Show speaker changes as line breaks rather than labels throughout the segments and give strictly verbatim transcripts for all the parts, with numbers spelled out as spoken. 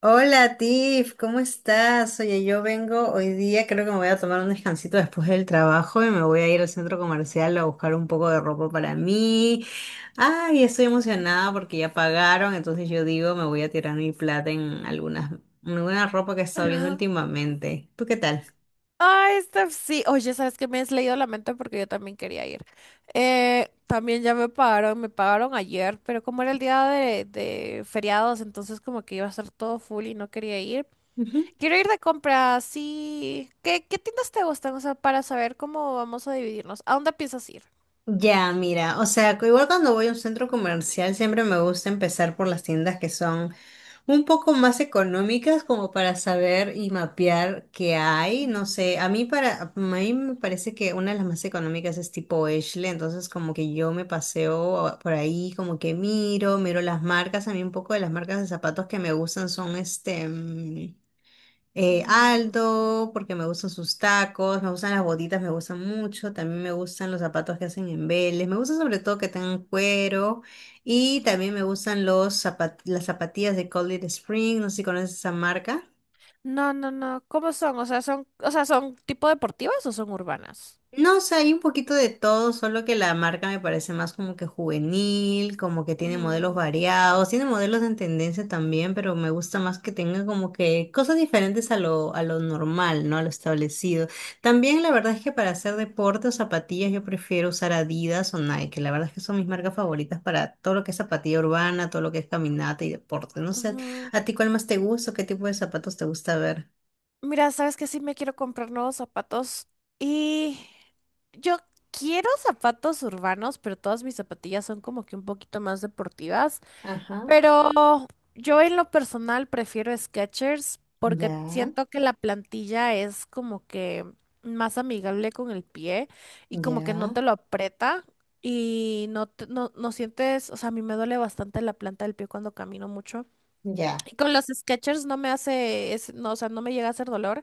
Hola Tiff, ¿cómo estás? Oye, yo vengo hoy día, creo que me voy a tomar un descansito después del trabajo y me voy a ir al centro comercial a buscar un poco de ropa para mí. Ay, estoy emocionada porque ya pagaron, entonces yo digo, me voy a tirar mi plata en algunas, en alguna ropa que he estado viendo últimamente. ¿Tú qué tal?
Ay, Steph, sí. Oye, ¿sabes qué? Me has leído la mente porque yo también quería ir. Eh, también ya me pagaron, me pagaron ayer, pero como era el día de, de feriados, entonces como que iba a estar todo full y no quería ir. Quiero ir de compras, sí. ¿Qué, qué tiendas te gustan? O sea, para saber cómo vamos a dividirnos. ¿A dónde piensas ir?
Ya, mira, o sea, que igual cuando voy a un centro comercial siempre me gusta empezar por las tiendas que son un poco más económicas como para saber y mapear qué hay, no
Ujú.
sé, a mí para a mí me parece que una de las más económicas es tipo Ashley, entonces como que yo me paseo por ahí, como que miro, miro las marcas, a mí un poco de las marcas de zapatos que me gustan son este mm, eh,
Mm,
Aldo, porque me gustan sus tacos, me gustan las botitas, me gustan mucho, también me gustan los zapatos que hacen en Vélez, me gusta sobre todo que tengan cuero y también
ujú.
me gustan los zapat- las zapatillas de Cold Spring, no sé si conoces esa marca.
No, no, no. ¿Cómo son? O sea, son, o sea, ¿son tipo deportivas o son urbanas?
No, o sea, hay un poquito de todo, solo que la marca me parece más como que juvenil, como que tiene modelos
Ujú,
variados, tiene modelos en tendencia también, pero me gusta más que tenga como que cosas diferentes a lo, a lo normal, ¿no? A lo establecido. También la verdad es que para hacer deporte o zapatillas yo prefiero usar Adidas o Nike, la verdad es que son mis marcas favoritas para todo lo que es zapatilla urbana, todo lo que es caminata y deporte. No sé,
ujú.
¿a ti cuál más te gusta o qué tipo de zapatos te gusta ver?
Mira, sabes que sí me quiero comprar nuevos zapatos y yo quiero zapatos urbanos, pero todas mis zapatillas son como que un poquito más deportivas.
Ajá,
Pero yo en lo personal prefiero Skechers porque
ya,
siento que la plantilla es como que más amigable con el pie y como que no
ya,
te lo aprieta y no, te- no, no sientes, o sea, a mí me duele bastante la planta del pie cuando camino mucho.
ya.
Y con los Skechers no me hace, es- no, o sea, no me llega a hacer dolor.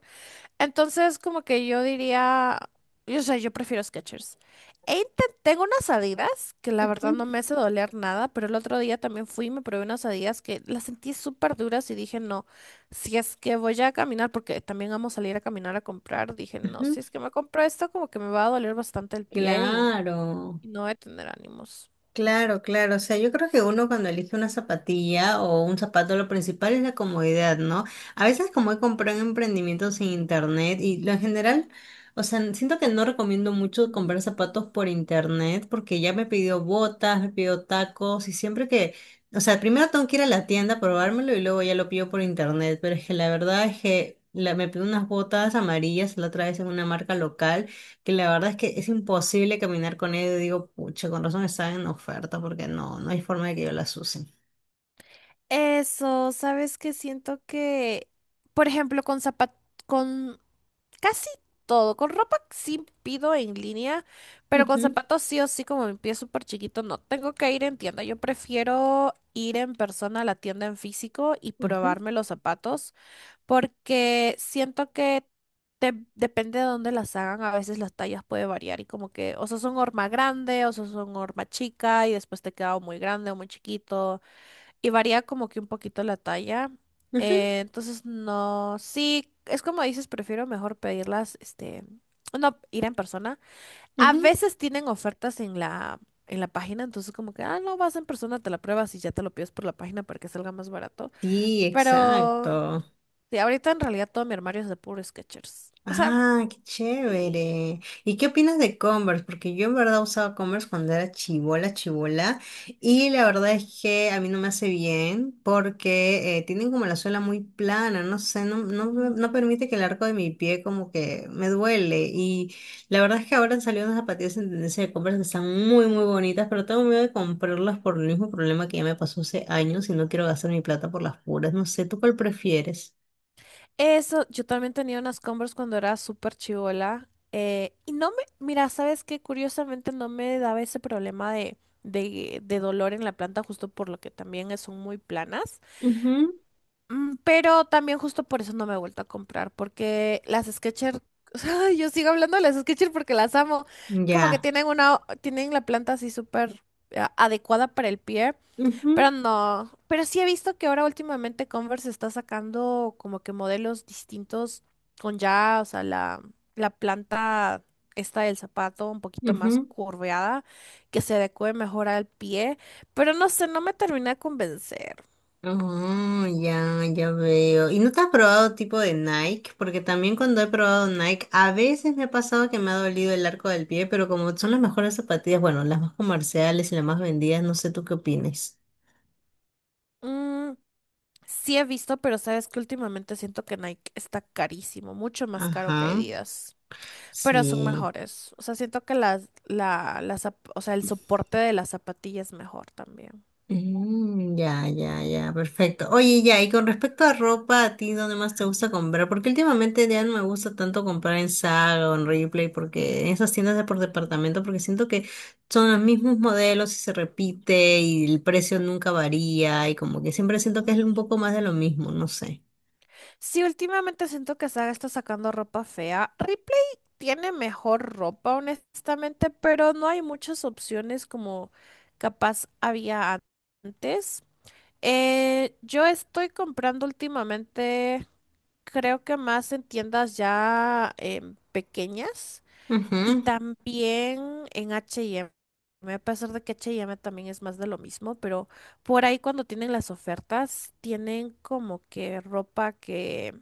Entonces, como que yo diría, yo, o sea, yo prefiero Skechers. E inte- tengo unas Adidas que la verdad no me hace doler nada, pero el otro día también fui y me probé unas Adidas que las sentí súper duras y dije, no, si es que voy a caminar, porque también vamos a salir a caminar a comprar, dije, no,
Ujú.
si es que me compro esto, como que me va a doler bastante el pie y,
Claro,
y no voy a tener ánimos.
claro, claro. O sea, yo creo que uno cuando elige una zapatilla o un zapato, lo principal es la comodidad, ¿no? A veces como he comprado en emprendimientos en internet y lo en general, o sea, siento que no recomiendo mucho comprar zapatos
Mm,
por internet porque ya me pidió botas, me pidió tacos y siempre que, o sea, primero tengo que ir a la tienda a
mm.
probármelo y luego ya lo pido por internet. Pero es que la verdad es que la- me pidió unas botas amarillas la otra vez en una marca local. Que la verdad es que es imposible caminar con ellos. Y digo, pucha, con razón están en oferta porque no, no hay forma de que yo las use.
Eso, sabes que siento que, por ejemplo, con zapatos. Casi todo. Con ropa sí pido en línea, pero con
Ujú,
zapatos sí o sí, como mi pie es súper chiquito, no tengo que ir en tienda. Yo prefiero ir en persona a la tienda en físico y
ujú,
probarme los zapatos porque siento que te- depende de dónde las hagan, a veces las tallas puede variar y como que o sos un horma grande o sos un horma chica y después te queda o muy grande o muy chiquito y varía como que un poquito la talla.
ujú,
Eh, entonces, no, sí, es como dices, prefiero mejor pedirlas, este, no, ir en persona. A
ujú.
veces tienen ofertas en la, en la página, entonces como que, ah, no, vas en persona, te la pruebas y ya te lo pides por la página para que salga más barato.
Sí,
Pero,
exacto.
sí, ahorita en realidad todo mi armario es de puro Skechers. O sea,
Ah, qué
sí.
chévere. ¿Y qué opinas de Converse? Porque yo en verdad usaba Converse cuando era chibola, chibola. Y la verdad es que a mí no me hace bien porque eh, tienen como la suela muy plana, no sé, no, no, me- no permite que el arco de mi pie como que me duele. Y la verdad es que ahora han salido unas zapatillas en tendencia de Converse que están muy, muy bonitas, pero tengo miedo de comprarlas por el mismo problema que ya me pasó hace años y no quiero gastar mi plata por las puras. No sé, ¿tú cuál prefieres?
Eso, yo también tenía unas Converse cuando era súper chivola. Eh, y no me, mira, ¿sabes qué? Curiosamente no me daba ese problema de, de, de dolor en la planta, justo por lo que también son muy planas.
Ujú.
Mm, Pero también justo por eso no me he vuelto a comprar, porque las Skechers, o sea, yo sigo hablando de las Skechers porque las amo. Como que
Ya.
tienen una, tienen la planta así súper eh, adecuada para el pie. Pero
Ujú.
no, pero sí he visto que ahora últimamente Converse está sacando como que modelos distintos con ya, o sea, la la planta esta del zapato un poquito más
Ujú.
curveada, que se adecue mejor al pie, pero no sé, no me termina de convencer.
Oh, ya, ya veo. ¿Y no te has probado tipo de Nike? Porque también cuando he probado Nike, a veces me ha pasado que me ha dolido el arco del pie, pero como son las mejores zapatillas, bueno, las más comerciales y las más vendidas, no sé tú qué opines.
Mm, sí he visto, pero sabes que últimamente siento que Nike está carísimo, mucho más caro que
Ajá,
Adidas, pero son
sí.
mejores. O sea, siento que las, la, las zap- o sea, el soporte de la zapatilla es mejor también.
Mm, ya, ya, ya, perfecto. Oye, ya, y con respecto a ropa, ¿a ti dónde más te gusta comprar? Porque últimamente ya no me gusta tanto comprar en Saga o en Replay, porque en esas tiendas de por departamento, porque siento que son los mismos modelos y se repite y el precio nunca varía y como que siempre siento que es
Ujú.
un poco más de lo mismo, no sé.
Sí, últimamente siento que Saga está sacando ropa fea. Ripley tiene mejor ropa, honestamente, pero no hay muchas opciones como capaz había antes. Eh, yo estoy comprando últimamente, creo que más en tiendas ya em, pequeñas. Y
Ujú.
también en H y M, a pesar de que H y M también es más de lo mismo, pero por ahí cuando tienen las ofertas, tienen como que ropa que,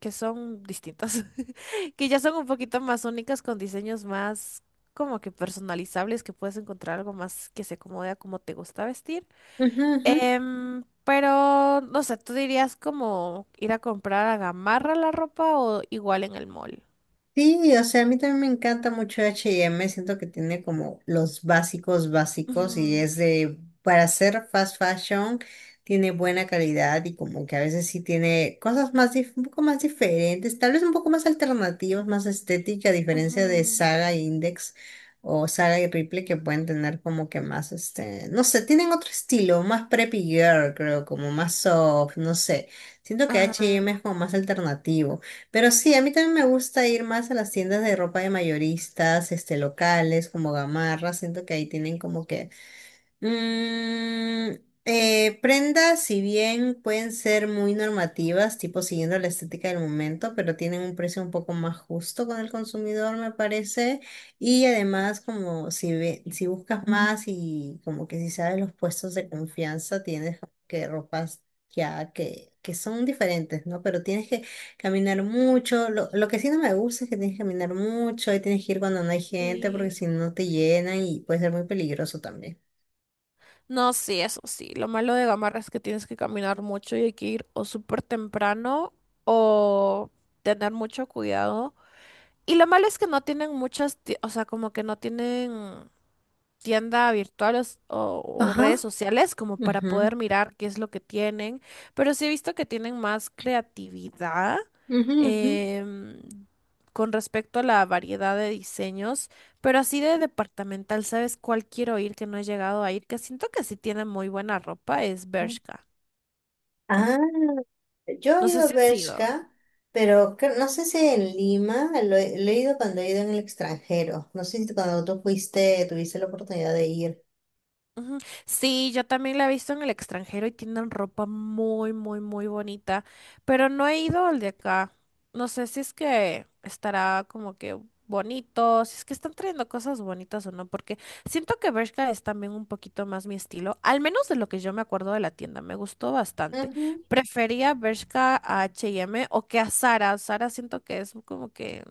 que son distintas, que ya son un poquito más únicas, con diseños más como que personalizables, que puedes encontrar algo más que se acomode a cómo te gusta vestir.
Ujú, ujú.
Em, pero, no sé, ¿tú dirías como ir a comprar a Gamarra la ropa o igual en el mall?
Sí, o sea, a mí también me encanta mucho H y M, siento que tiene como los básicos básicos y
Ujú,
es de, para hacer fast fashion, tiene buena calidad y como que a veces sí tiene cosas más, dif- un poco más diferentes, tal vez un poco más alternativas, más estética, a diferencia de
ujú.
Saga e Index o Saga y Ripley que pueden tener como que más, este, no sé, tienen otro estilo, más preppy girl, creo, como más soft, no sé, siento que H y M
Ajá.
es como más alternativo. Pero sí, a mí también me gusta ir más a las tiendas de ropa de mayoristas, este, locales, como Gamarra. Siento que ahí tienen como que Mm, eh, prendas, si bien pueden ser muy normativas, tipo siguiendo la estética del momento, pero tienen un precio un poco más justo con el consumidor, me parece. Y además, como si ve- si buscas más y como que si sabes los puestos de confianza, tienes como que ropas ya que, que son diferentes, ¿no? Pero tienes que caminar mucho. Lo, lo que sí no me gusta es que tienes que caminar mucho y tienes que ir cuando no hay gente, porque
Sí.
si no te llenan y puede ser muy peligroso también.
No, sí, eso sí. Lo malo de Gamarra es que tienes que caminar mucho y hay que ir o súper temprano o tener mucho cuidado. Y lo malo es que no tienen muchas, ti- o sea, como que no tienen tienda virtual o, o- o
Ajá,
redes sociales como para poder
ujú,
mirar qué es lo que tienen, pero sí he visto que tienen más creatividad
ujú, ujú,
em, con respecto a la variedad de diseños, pero así de departamental, ¿sabes cuál quiero ir que no he llegado a ir? Que siento que sí tiene muy buena ropa, es
ujú.
Bershka.
Ah, yo he
No sé
ido a
si ha sido.
Bershka, pero cre- no sé si en Lima, lo he, lo he ido cuando he ido en el extranjero. No sé si cuando tú fuiste tuviste la oportunidad de ir.
Ujú. Sí, yo también la he visto en el extranjero y tienen ropa muy, muy, muy bonita, pero no he ido al de acá. No sé si es que estará como que bonito, si es que están trayendo cosas bonitas o no, porque siento que Bershka es también un poquito más mi estilo, al menos de lo que yo me acuerdo de la tienda, me gustó bastante.
Ujú.
Prefería Bershka a H y M o que a Zara. Zara siento que es como que,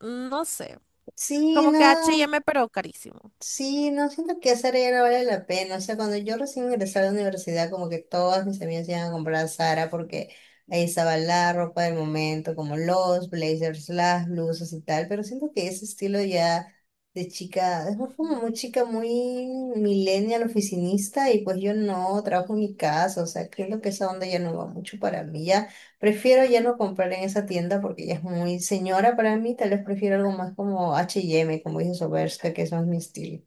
no sé.
Sí,
Como que
no.
H y M, pero carísimo.
Sí, no siento que Sara ya no vale la pena. O sea, cuando yo recién ingresé a la universidad, como que todas mis amigas iban a comprar a Zara porque ahí estaba la ropa del momento, como los blazers, las blusas y tal. Pero siento que ese estilo ya de chica, es como
Ujú,
muy chica, muy millennial, oficinista, y pues yo no trabajo en mi casa. O sea, creo que esa onda ya no va mucho para mí. Ya prefiero ya
ujú.
no comprar en esa tienda porque ya es muy señora para mí. Tal vez prefiero algo más como H y M, como dice Soberska, que es más mi estilo.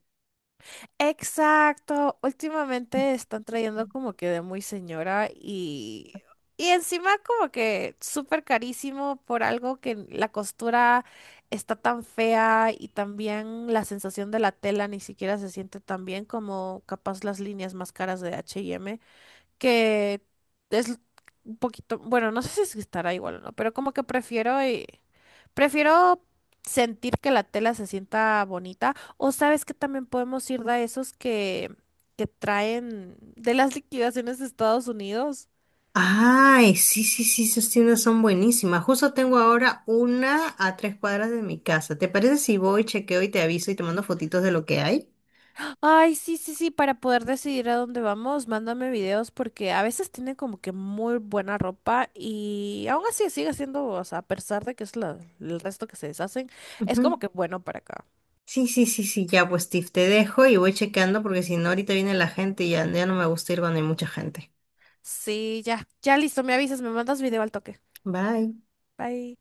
Exacto, últimamente están trayendo como que de muy señora y, y encima como que súper carísimo por algo que la costura está tan fea y también la sensación de la tela ni siquiera se siente tan bien como capaz las líneas más caras de H y M que es un poquito, bueno, no sé si estará igual o no, pero como que prefiero eh, prefiero sentir que la tela se sienta bonita o sabes que también podemos ir de esos que que traen de las liquidaciones de Estados Unidos.
Ay, sí, sí, sí, esas tiendas son buenísimas. Justo tengo ahora una a tres cuadras de mi casa. ¿Te parece si voy, chequeo y te aviso y te mando fotitos de lo que hay?
Ay, sí, sí, sí, para poder decidir a dónde vamos, mándame videos porque a veces tienen como que muy buena ropa y aún así sigue siendo, o sea, a pesar de que es la- el resto que se deshacen, es como
Ujú.
que bueno para acá.
Sí, sí, sí, sí, ya pues Steve, te dejo y voy chequeando porque si no ahorita viene la gente y ya, ya no me gusta ir cuando hay mucha gente.
Sí, ya, ya listo, me avisas, me mandas video al toque.
Bye.
Bye.